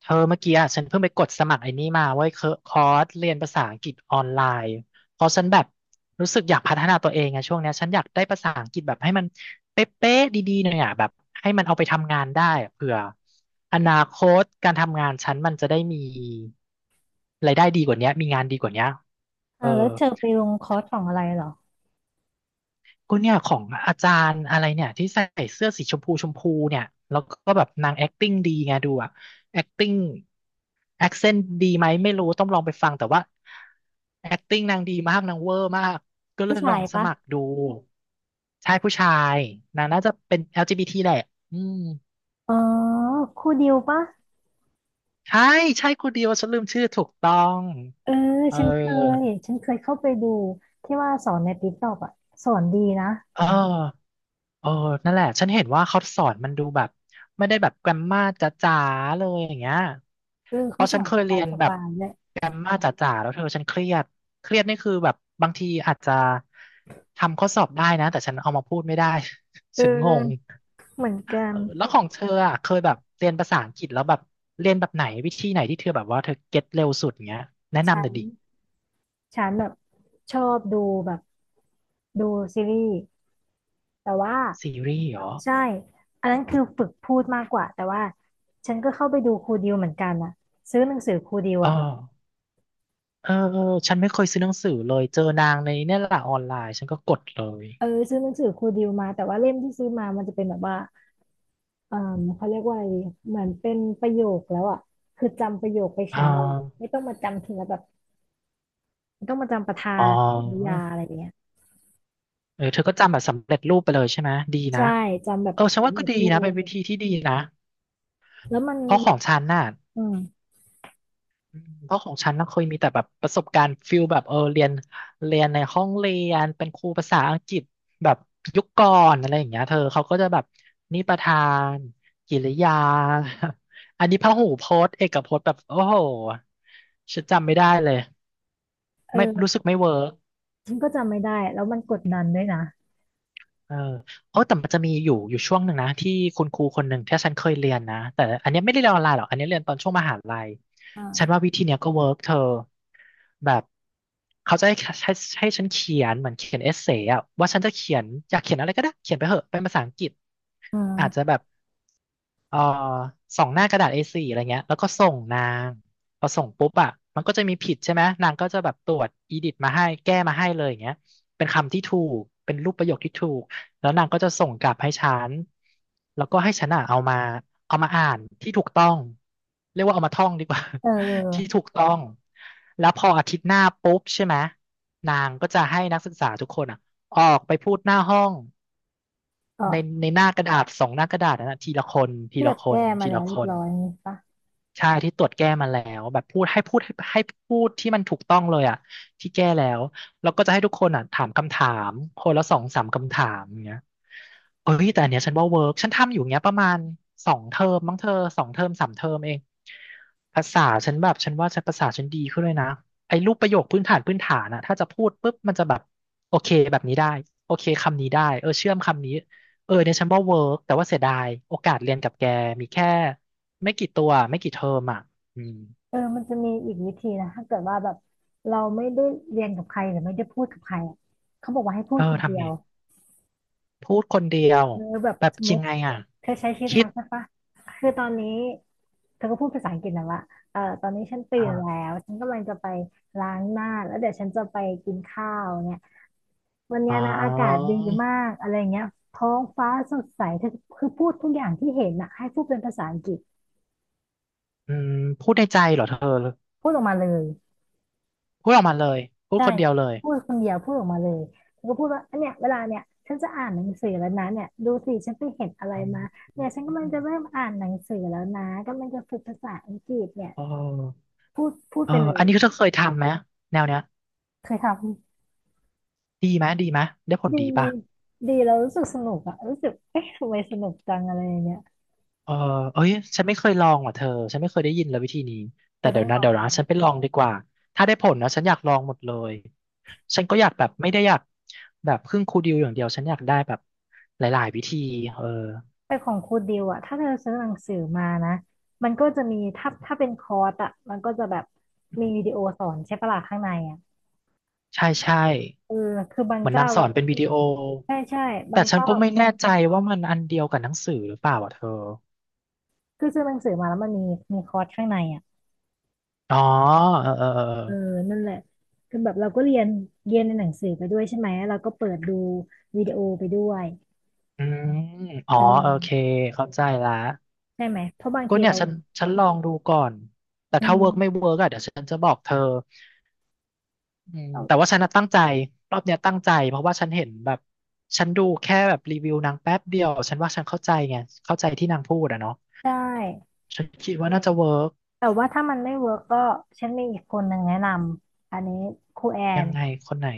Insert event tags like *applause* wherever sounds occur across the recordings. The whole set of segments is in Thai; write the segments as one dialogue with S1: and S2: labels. S1: เธอเมื่อกี้อ่ะฉันเพิ่งไปกดสมัครไอ้นี่มาเว้ยเคอคอร์สเรียนภาษาอังกฤษออนไลน์เพราะฉันแบบรู้สึกอยากพัฒนาตัวเองไงช่วงเนี้ยฉันอยากได้ภาษาอังกฤษแบบให้มันเป๊ะๆดีๆหน่อยอ่ะแบบให้มันเอาไปทำงานได้อะเผื่ออนาคตการทำงานฉันมันจะได้มีรายได้ดีกว่าเนี้ยมีงานดีกว่าเนี้ยเออ
S2: แล้วเธอไปลงคอร์สของอะไรเหรอ
S1: ก็เนี่ยของอาจารย์อะไรเนี่ยที่ใส่เสื้อสีชมพูชมพูเนี่ยแล้วก็แบบนาง acting ดีไงดูอะ acting accent ดีไหมไม่รู้ต้องลองไปฟังแต่ว่า acting นางดีมากนางเวอร์มากก็เล
S2: ผู้
S1: ยล
S2: ชา
S1: อ
S2: ย
S1: งส
S2: ปะ
S1: มัครดูชายผู้ชายนางน่าจะเป็น LGBT แหละอืม
S2: อ๋อครูดิวปะ
S1: ใช่ใช่คนเดียวฉันลืมชื่อถูกต้อง
S2: เออ
S1: เออ
S2: ฉันเคยฉันเคยเข้าไปดูที่ว่าสอนในติ๊กต็อกอ่ะสอนดีนะ
S1: เออเออนั่นแหละฉันเห็นว่าเขาสอนมันดูแบบไม่ได้แบบแกรมมาจ๋าๆเลยอย่างเงี้ย
S2: เออ
S1: เพ
S2: เขา
S1: ราะ
S2: ส
S1: ฉั
S2: อ
S1: น
S2: น
S1: เค
S2: ส
S1: ย
S2: บา
S1: เรี
S2: ย
S1: ยน
S2: ส
S1: แบบ
S2: บายเลย
S1: แกรมมาจ๋าๆแล้วเธอฉันเครียดเครียดนี่คือแบบบางทีอาจจะทำข้อสอบได้นะแต่ฉันเอามาพูดไม่ได้
S2: เอ
S1: *laughs* ฉันงง
S2: อเหมือนกั
S1: เอ
S2: น
S1: อแล้วของเธออ่ะเคยแบบเรียนภาษาอังกฤษแล้วแบบเรียนแบบไหนวิธีไหนที่เธอแบบว่าเธอเก็ตเร็วสุดเงี้ยแนะ
S2: ฉั
S1: นำหน่
S2: น
S1: อยดิ
S2: ฉันแบบชอบดูแบบดูซีรีส์แต่ว่า
S1: ซีรีส์เหรอ
S2: ใช่อันนั้นคือฝึกพูดมากกว่าแต่ว่าฉันก็เข้าไปดูครูดิวเหมือนกันอ่ะซื้อหนังสือครูดิว
S1: เออ
S2: อ่ะ
S1: เออเออฉันไม่เคยซื้อหนังสือเลยเจอนางในเนี่ยแหละออนไลน์ฉันก็กดเลย
S2: เออซื้อหนังสือครูดิวมาแต่ว่าเล่มที่ซื้อมามันจะเป็นแบบว่า เอ่อเขาเรียกว่าอะไรดีเหมือนเป็นประโยคแล้วอ่ะคือจำประโยคไป
S1: อ่า
S2: ใช้เลยอะไม่ต้องมาจำทีละแบบไม่ต้องมาจำประธา
S1: อ๋
S2: นกริยา
S1: อ
S2: อะไรอย่างเงี้ย
S1: เออเธอก็จำแบบสำเร็จรูปไปเลยใช่ไหมดี
S2: ใช่
S1: นะ
S2: จำแบบ
S1: เออฉัน
S2: สำ
S1: ว่าก็
S2: เร็จ
S1: ดี
S2: รู
S1: นะเป็
S2: ป
S1: นวิธีที่ดีนะ
S2: แล้วมัน
S1: เพราะข
S2: แบ
S1: อ
S2: บ
S1: งฉันน่ะ
S2: อืม
S1: อืมเพราะของฉันน่ะเคยมีแต่แบบประสบการณ์ฟิลแบบเออเรียนเรียนในห้องเรียนเป็นครูภาษาอังกฤษแบบยุคก่อนอะไรอย่างเงี้ยเธอเขาก็จะแบบนิประธานกิริยา *laughs* อันนี้พหูพจน์เอกพจน์แบบโอ้โหฉันจำไม่ได้เลยไม่รู้
S2: เออ
S1: สึกไม่เวิร์ก
S2: ฉันก็จำไม่ได้แล้วมันกดดันด้วยนะ
S1: เออโอ้แต่มันจะมีอยู่ช่วงหนึ่งนะที่คุณครูคนหนึ่งที่ฉันเคยเรียนนะแต่อันเนี้ยไม่ได้เรียนออนไลน์หรอกอันเนี้ยเรียนตอนช่วงมหาลัยฉัน
S2: อ่า
S1: ว่าวิธีเนี้ยก็เวิร์กเธอแบบเขาจะให้ให้ฉันเขียนเหมือนเขียนเอเซ่อะว่าฉันจะเขียนอยากเขียนอะไรก็ได้เขียนไปเหอะเป็นภาษาอังกฤษ
S2: อื
S1: อาจจะ
S2: ม
S1: แบบเอ่อสองหน้ากระดาษ A4 อโฟร์อะไรเงี้ยแล้วก็ส่งนางพอส่งปุ๊บอะมันก็จะมีผิดใช่ไหมนางก็จะแบบตรวจอีดิทมาให้แก้มาให้เลยอย่างเงี้ยเป็นคำที่ถูกเป็นรูปประโยคที่ถูก แล้วนางก็จะส่งกลับให้ฉันแล้วก็ให้ฉันอ่ะเอามาอ่านที่ถูกต้อง เรียกว่าเอามาท่องดีกว่า
S2: เออเอ
S1: *laughs* ที่
S2: อ
S1: ถูกต้อง แล้วพออาทิตย์หน้าปุ๊บใช่ไหมนางก็จะให้นักศึกษาทุกคนอ่ะออกไปพูดหน้าห้อง
S2: เอ
S1: ใน
S2: อ
S1: ในหน้ากระดาษสองหน้ากระดาษนนนะทีละคนที
S2: ที่แบ
S1: ละ
S2: บ
S1: ค
S2: แก้
S1: น
S2: มา
S1: ที
S2: แล้ว
S1: ละค
S2: เรียบ
S1: น
S2: ร้อยนี่ปะ
S1: ใช่ที่ตรวจแก้มาแล้วแบบพูดให้พูดให้ให้พูดที่มันถูกต้องเลยอ่ะที่แก้แล้วแล้วก็จะให้ทุกคนอ่ะถามคำถามคนละสองสามคำถามอย่างเงี้ยเอ้ยแต่อันเนี้ยฉันว่าเวิร์กฉันทำอยู่เงี้ยประมาณสองเทอมมั้งเธอสองเทอมสามเทอมเองภาษาฉันแบบฉันว่าฉันภาษาฉันดีขึ้นเลยนะไอ้รูปประโยคพื้นฐานพื้นฐานอ่ะถ้าจะพูดปุ๊บมันจะแบบโอเคแบบนี้ได้โอเคคำนี้ได้เออเชื่อมคำนี้เออเนี่ยฉันว่าเวิร์กแต่ว่าเสียดายโอกาสเรียนกับแกมีแค่ ไม่กี่ตัวไม่กี่เทอมอ่ะอืม
S2: เออมันจะมีอีกวิธีนะถ้าเกิดว่าแบบเราไม่ได้เรียนกับใครหรือไม่ได้พูดกับใครอะเขาบอกว่าให้พู
S1: เอ
S2: ด
S1: อ
S2: คนเดี
S1: ทำ
S2: ย
S1: ไง
S2: ว
S1: พูดคนเดียว
S2: เออแบบ
S1: แบบ
S2: สมม
S1: ยัง
S2: ติ
S1: ไงอ่ะ
S2: เธอใช้ชีวิต
S1: คิ
S2: มา
S1: ด
S2: ใช่ปะคือตอนนี้เธอก็พูดภาษาอังกฤษนะว่าเออตอนนี้ฉันตื่นแล้
S1: อ่า
S2: วฉันกำลังจะไปล้างหน้าแล้วเดี๋ยวฉันจะไปกินข้าวเนี่ยวันเนี้
S1: อ๋
S2: ย
S1: อ
S2: นะอากาศดีมากอะไรเงี้ยท้องฟ้าสดใสเธอคือพูดทุกอย่างที่เห็นนะให้พูดเป็นภาษาอังกฤษ
S1: อืมพูดในใจเหรอเธอ
S2: พูดออกมาเลย
S1: พูดออกมาเลยพูดคนเดียวเลย
S2: พูดคนเดียวพูดออกมาเลยเธอก็พูดว่าอันเนี้ยเวลาเนี่ยฉันจะอ่านหนังสือแล้วนะเนี่ยดูสิฉันไปเห็นอะไร
S1: อื
S2: มา
S1: ม
S2: เนี่ยฉันกำลังจะเริ่มอ่านหนังสือแล้วนะกำลังจะฝึกภาษาอังกฤษเนี่ย
S1: เออ
S2: พูดพูด
S1: เออ
S2: ไปเล
S1: อั
S2: ย
S1: นนี้เธอเคยทำไหมแนวเนี้ย
S2: เคยทำ
S1: ดีไหมดีไหมได้ผล
S2: ดี
S1: ดีป่ะ
S2: ดีเรารู้สึกสนุกอะรู้สึกเอ๊ะทำไมสนุกจังอะไรอย่างเงี้ย
S1: เออเอ้ยฉันไม่เคยลองว่ะเธอฉันไม่เคยได้ยินเลยวิธีนี้
S2: เธ
S1: แต่
S2: อต้
S1: เดี๋
S2: อ
S1: ย
S2: ง
S1: ว
S2: ล
S1: นะ
S2: อ
S1: เดี๋
S2: ง
S1: ยวนะฉันไปลองดีกว่าถ้าได้ผลนะฉันอยากลองหมดเลยฉันก็อยากแบบไม่ได้อยากแบบพึ่งครูดิวอย่างเดียว ฉันอยากได้แบบหลายๆวิธีเออ
S2: แต่ของครูดิวอะถ้าเธอซื้อหนังสือมานะมันก็จะมีถ้าเป็นคอร์สอะมันก็จะแบบมีวิดีโอสอนใช่ปะล่ะข้างในอะ
S1: ใช่ใช่
S2: เออคือบาง
S1: เหมือน
S2: เจ้า
S1: นางสอ
S2: เรา
S1: นเป็นวิดีโอ
S2: ใช่ใช่บา
S1: แต่
S2: ง
S1: ฉัน
S2: เจ้า
S1: ก็ไม่แน่ใจว่ามันอันเดียวกับหนังสือหรือเปล่าอ่ะเธอ
S2: คือซื้อหนังสือมาแล้วมันมีมีคอร์สข้างในอะ
S1: อ๋อเออเออเอ
S2: เออ
S1: อ
S2: นั่นแหละคือแบบเราก็เรียนเรียนในหนังสือไปด้วยใช่ไหมเราก็เปิดดูวิดีโอไปด้วย
S1: อืมอ๋อ
S2: เอ
S1: โอเค
S2: อ
S1: เข้าใจละ
S2: ใช่ไหมเพราะบาง
S1: ก็
S2: ที
S1: เนี่ย
S2: เรา
S1: ฉันลองดูก่อนแต่
S2: อื
S1: ถ้าเวิร์กไม่
S2: ม
S1: เวิร์กอ่ะเดี๋ยวฉันจะบอกเธอ อืม
S2: เรา
S1: แต่ว่าฉันน่ะตั้งใจรอบเนี้ยตั้งใจเพราะว่าฉันเห็นแบบฉันดูแค่แบบรีวิวนางแป๊บเดียวฉันว่าฉันเข้าใจไงเข้าใจที่นางพูดอะเนาะ
S2: ได้
S1: ฉันคิดว่าน่าจะเวิร์ก
S2: แต่ว่าถ้ามันไม่เวิร์กก็ฉันมีอีกคนหนึ่งแนะนำอันนี้ครูแอ
S1: ยั
S2: น
S1: งไงคนไหน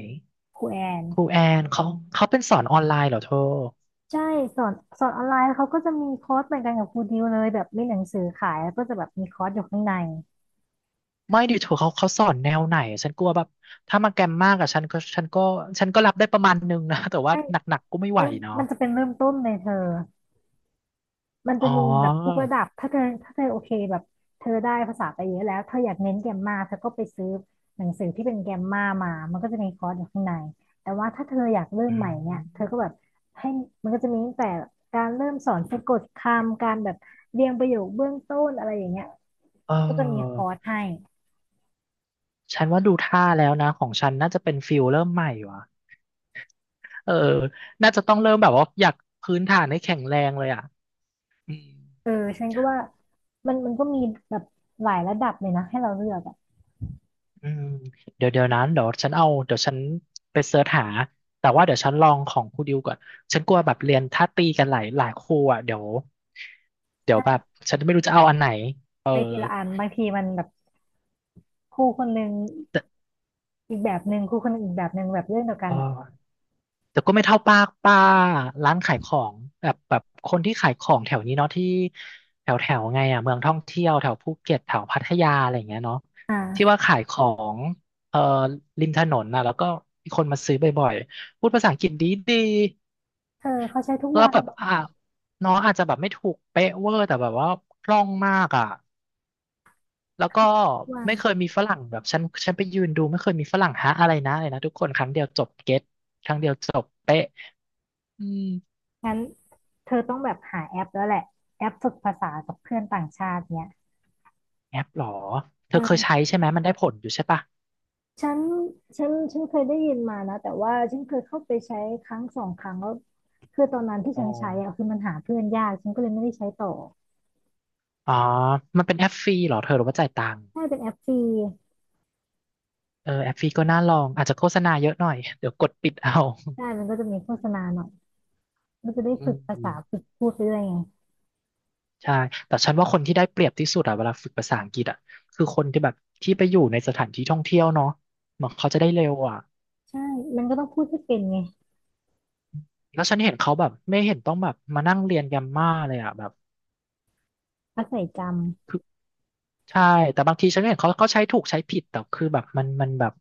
S2: ครูแอน
S1: ครูแอนเขาเป็นสอนออนไลน์เหรอเธอ
S2: ใช่สอนสอนออนไลน์เขาก็จะมีคอร์สเหมือนกันกับครูดิวเลยแบบมีหนังสือขายแล้วก็จะแบบมีคอร์สอยู่ข้างใน
S1: ไม่ดิเธอเขาสอนแนวไหนฉันกลัวแบบถ้ามาแกรมมากอะฉันก็รับได้ประมาณนึงนะ *laughs* แต่ว่า
S2: ไม่
S1: หนักๆก็ไม่ไหว
S2: มัน
S1: เนาะ
S2: มันจะเป็นเริ่มต้นเลยเธอ มันจะ
S1: อ๋
S2: มีแบบทุก
S1: อ
S2: ระดับ ถ้าเธอถ้าเธอโอเคแบบเธอได้ภาษาไปเยอะแล้วเธออยากเน้นแกรมมาเธอก็ไปซื้อหนังสือที่เป็นแกรมมามามันก็จะมีคอร์สอยู่ข้างในแต่ว่าถ้าเธออยากเริ่ม
S1: อื
S2: ใหม่เนี่ยเธอ
S1: ม
S2: ก็แบบให้มันก็จะมีตั้งแต่การเริ่มสอนสะกดคำการแบบเรียงประโยคเบื้องต้นอะไรอย่างเงี้ย
S1: เอ
S2: ก็จะมีคอร์ส
S1: อ
S2: ให้
S1: ฉันว่าดูท่าแล้วนะของฉันน่าจะเป็นฟิลเริ่มใหม่วะ เออน่าจะต้องเริ่มแบบว่าอยากพื้นฐานให้แข็งแรงเลยอ่ะอืม
S2: เออฉันก็ว่ามันมันก็มีแบบหลายระดับเลยนะให้เราเลือกอะ
S1: อืมเดี๋ยวเดี๋ยวนั้นเดี๋ยวฉันเอาเดี๋ยวฉันไปเสิร์ชหา แต่ว่าเดี๋ยวฉันลองของครูดิวก่อน ฉันกลัวแบบเรียนถ้าตีกันหลายหลายครูอ่ะเดี๋ยวเดี๋ยว
S2: ใช่
S1: แบบฉันไม่รู้จะเอาอันไหนเออ
S2: ไปทีละอันบางทีมันแบบครูคนหนึ่ง
S1: แต่
S2: อีกแบบหนึ่งครูคนหนึ่งอีกแบบหนึ่งแบบเรื่องเดียวกั
S1: เอ
S2: น
S1: อ
S2: อะ
S1: แต่ก็ไม่เท่าป้าร้านขายของแบบคนที่ขายของแถวนี้เนาะที่แถวแถวไงอ่ะเมืองท่องเที่ยวแถวภูเก็ตแถวพัทยาอะไรอย่างเงี้ยเนาะที่ว่า
S2: อ่า
S1: ขายของเอ่อริมถนนนะแล้วก็มีคนมาซื้อบ่อยๆพูดภาษาอังกฤษดีดี
S2: เธอเขาใช้ทุก
S1: ก็
S2: วัน
S1: แบบอ่ะน้องอาจจะแบบไม่ถูกเป๊ะเวอร์แต่แบบว่าคล่องมากอ่ะแล้วก็
S2: ทุกวัน
S1: ไม่เคยมีฝรั่งแบบฉันไปยืนดูไม่เคยมีฝรั่งฮะอะไรนะอะไรนะทุกคนครั้งเดียวจบเก็ตครั้งเดียวจบเป๊ะอืม
S2: งั้นเธอต้องแบบหาแอปแล้วแหละแอปฝึกภาษากับเพื่อนต่างชาติเนี่ย
S1: แอปเหรอ เธอเคยใช้
S2: เออ
S1: ใช่ไหมมันได้ผลอยู่ใช่ปะ
S2: ฉันฉันเคยได้ยินมานะแต่ว่าฉันเคยเข้าไปใช้ครั้งสองครั้งแล้วคือตอนนั้นที่
S1: อ๋อ
S2: ฉันใช้อะคือมันหาเพื่อนยากฉันก็เลยไม่ได้ใช้ต่อ
S1: อ๋อมันเป็นแอปฟรีเหรอเธอหรือว่าจ่ายตังค์
S2: ถ้าเป็นแอปฟรี
S1: เออแอปฟรีก็น่าลองอาจจะโฆษณาเยอะหน่อย *laughs* เดี๋ยวกดปิดเอา
S2: ได้มันก็จะมีโฆษณาหน่อยมันจะได้
S1: อื
S2: ฝึกภาษา
S1: ม
S2: ฝึกพูดไปด้วยไง
S1: ใช่แต่ฉันว่าคนที่ได้เปรียบที่สุดอะเวลาฝึกภาษาอังกฤษอะคือคนที่แบบที่ไปอยู่ในสถานที่ท่องเที่ยวเนาะเหมือนเขาจะได้เร็วอะ
S2: ใช่มันก็ต้องพูดให้เป็นไง
S1: แล้วฉันเห็นเขาแบบไม่เห็นต้องแบบมานั่งเรียนแกรมม่าเลยอะแบบ
S2: อาศัยจำ
S1: คือ ใช่แต่บางทีฉันก็เห็นเขาใช้ถูกใช้ผิดแต่คือแบบ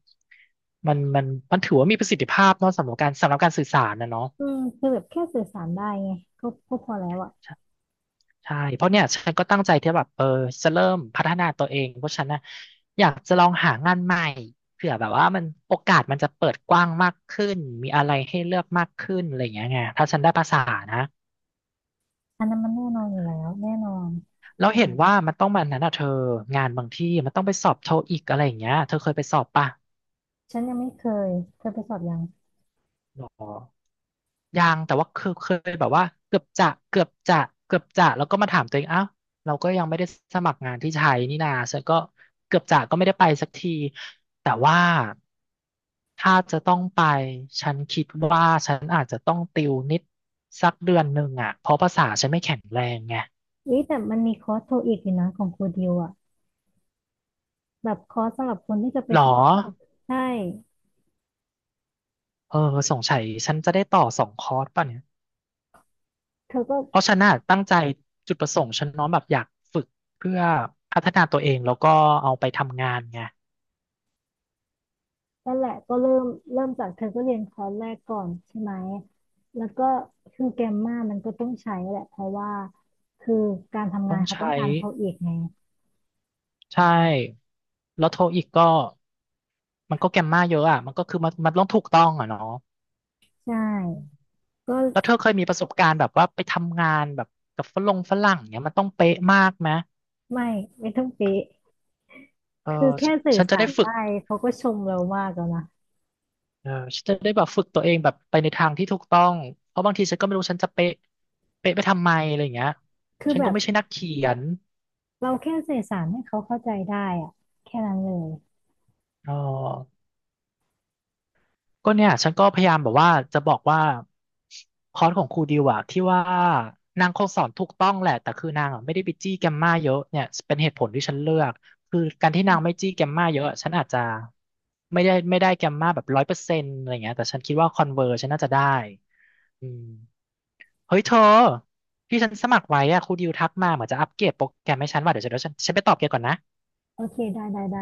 S1: มันมันมันถือว่ามีประสิทธิภาพเนาะสำหรับการสื่อสารนะเนาะ
S2: อืมคือแบบแค่สื่อสารได้ไงก็ก็พอแล้วอะ
S1: ใช่ใช่เพราะเนี่ยฉันก็ตั้งใจที่แบบเออจะเริ่มพัฒนาตัวเองเพราะฉันนะอยากจะลองหางานใหม่เผื่อแบบว่ามันโอกาสมันจะเปิดกว้างมากขึ้นมีอะไรให้เลือกมากขึ้นอะไรอย่างเงี้ยไงถ้าฉันได้ภาษานะ
S2: อันนั้นมันแน่นอนอยู่แล้วแน่นอน
S1: แล้วเห็นว่ามันต้องมันนั้นอ่ะเธองานบางที่มันต้องไปสอบโทอีกอะไรอย่างเงี้ยเธอเคยไปสอบป่ะ
S2: ฉันยังไม่เคยเคยไปสอบยัง
S1: หรอ ยังแต่ว่าเคยแบบว่าเกือบจะเกือบจะเกือบจะแล้วก็มาถามตัวเองอ้าวเราก็ยังไม่ได้สมัครงานที่ไทยนี่นาฉันก็เกือบจะก็ไม่ได้ไปสักทีแต่ว่าถ้าจะต้องไปฉันคิดว่าฉันอาจจะต้องติวนิดสักเดือนหนึ่งอ่ะเพราะภาษาฉันไม่แข็งแรงไง
S2: อุ้ยแต่มันมีคอร์สโทอีกอยู่นะของครูดิวอะแบบคอร์สสำหรับคนที่จะไป
S1: หรอ
S2: สอบใช่
S1: เออสงสัยฉันจะได้ต่อสองคอร์สป่ะเนี่ย
S2: เธอก็
S1: เพราะฉันน่ะตั้งใจจุดประสงค์ฉันเน้อมแบบอยากฝึกเพื่อพัฒนาตัวเองแล้วก็เอาไปทำงานไง
S2: นั่นแหละก็เริ่มจากเธอก็เรียนคอร์สแรกก่อนใช่ไหมแล้วก็คือแกมมามันก็ต้องใช้แหละเพราะว่าคือการทำ
S1: ต้
S2: งา
S1: อ
S2: น
S1: ง
S2: เขาต้
S1: ใช้
S2: องการโทอีกไง
S1: ใช่แล้วโทอีกก็มันก็แกมมาเยอะอ่ะมันก็คือมันต้องถูกต้องอ่ะเนาะ
S2: ใช
S1: อืม
S2: ่ก็
S1: แล้วเธอเคยมีประสบการณ์แบบว่าไปทำงานแบบกับฝรั่งเนี่ยมันต้องเป๊ะมากไหม
S2: ไม่ไม่ต้องเป๊ะ
S1: เออ
S2: คือ
S1: ฉ
S2: แค่
S1: น
S2: สื่อ
S1: ฉันจะ
S2: สา
S1: ได้
S2: ร
S1: ฝึ
S2: ได้
S1: ก
S2: เขาก็ชมเรามากแล้วนะ
S1: เออฉันจะได้แบบฝึกตัวเองแบบไปในทางที่ถูกต้องเพราะบางทีฉันก็ไม่รู้ฉันจะเป๊ะเป๊ะไปทำไมอะไรอย่างเงี้ย
S2: คือ
S1: ฉัน
S2: แบ
S1: ก็
S2: บ
S1: ไม่ใช่นักเขียน
S2: เราแค่สื่อสารให้เขาเข้าใจได้อะแค่นั้นเลย
S1: อ๋อ ก็เนี่ยฉันก็พยายามแบบว่าจะบอกว่าคอร์สของครูดิวอะที่ว่านางคงสอนถูกต้องแหละแต่คือนางอะไม่ได้ไปจี้แกมมาเยอะเนี่ยเป็นเหตุผลที่ฉันเลือกคือการที่นางไม่จี้แกมมาเยอะฉันอาจจะไม่ได้แกมมาแบบ100%อะไรเงี้ยแต่ฉันคิดว่าคอนเวอร์ฉันน่าจะได้อืมเฮ้ยเธอที่ฉันสมัครไว้อะครูดิวทักมาเหมือนจะอัปเกรดโปรแกรมให้ฉันว่าเดี๋ยวฉันไปตอบแกก่อนนะ
S2: โอเคได้ได้ได้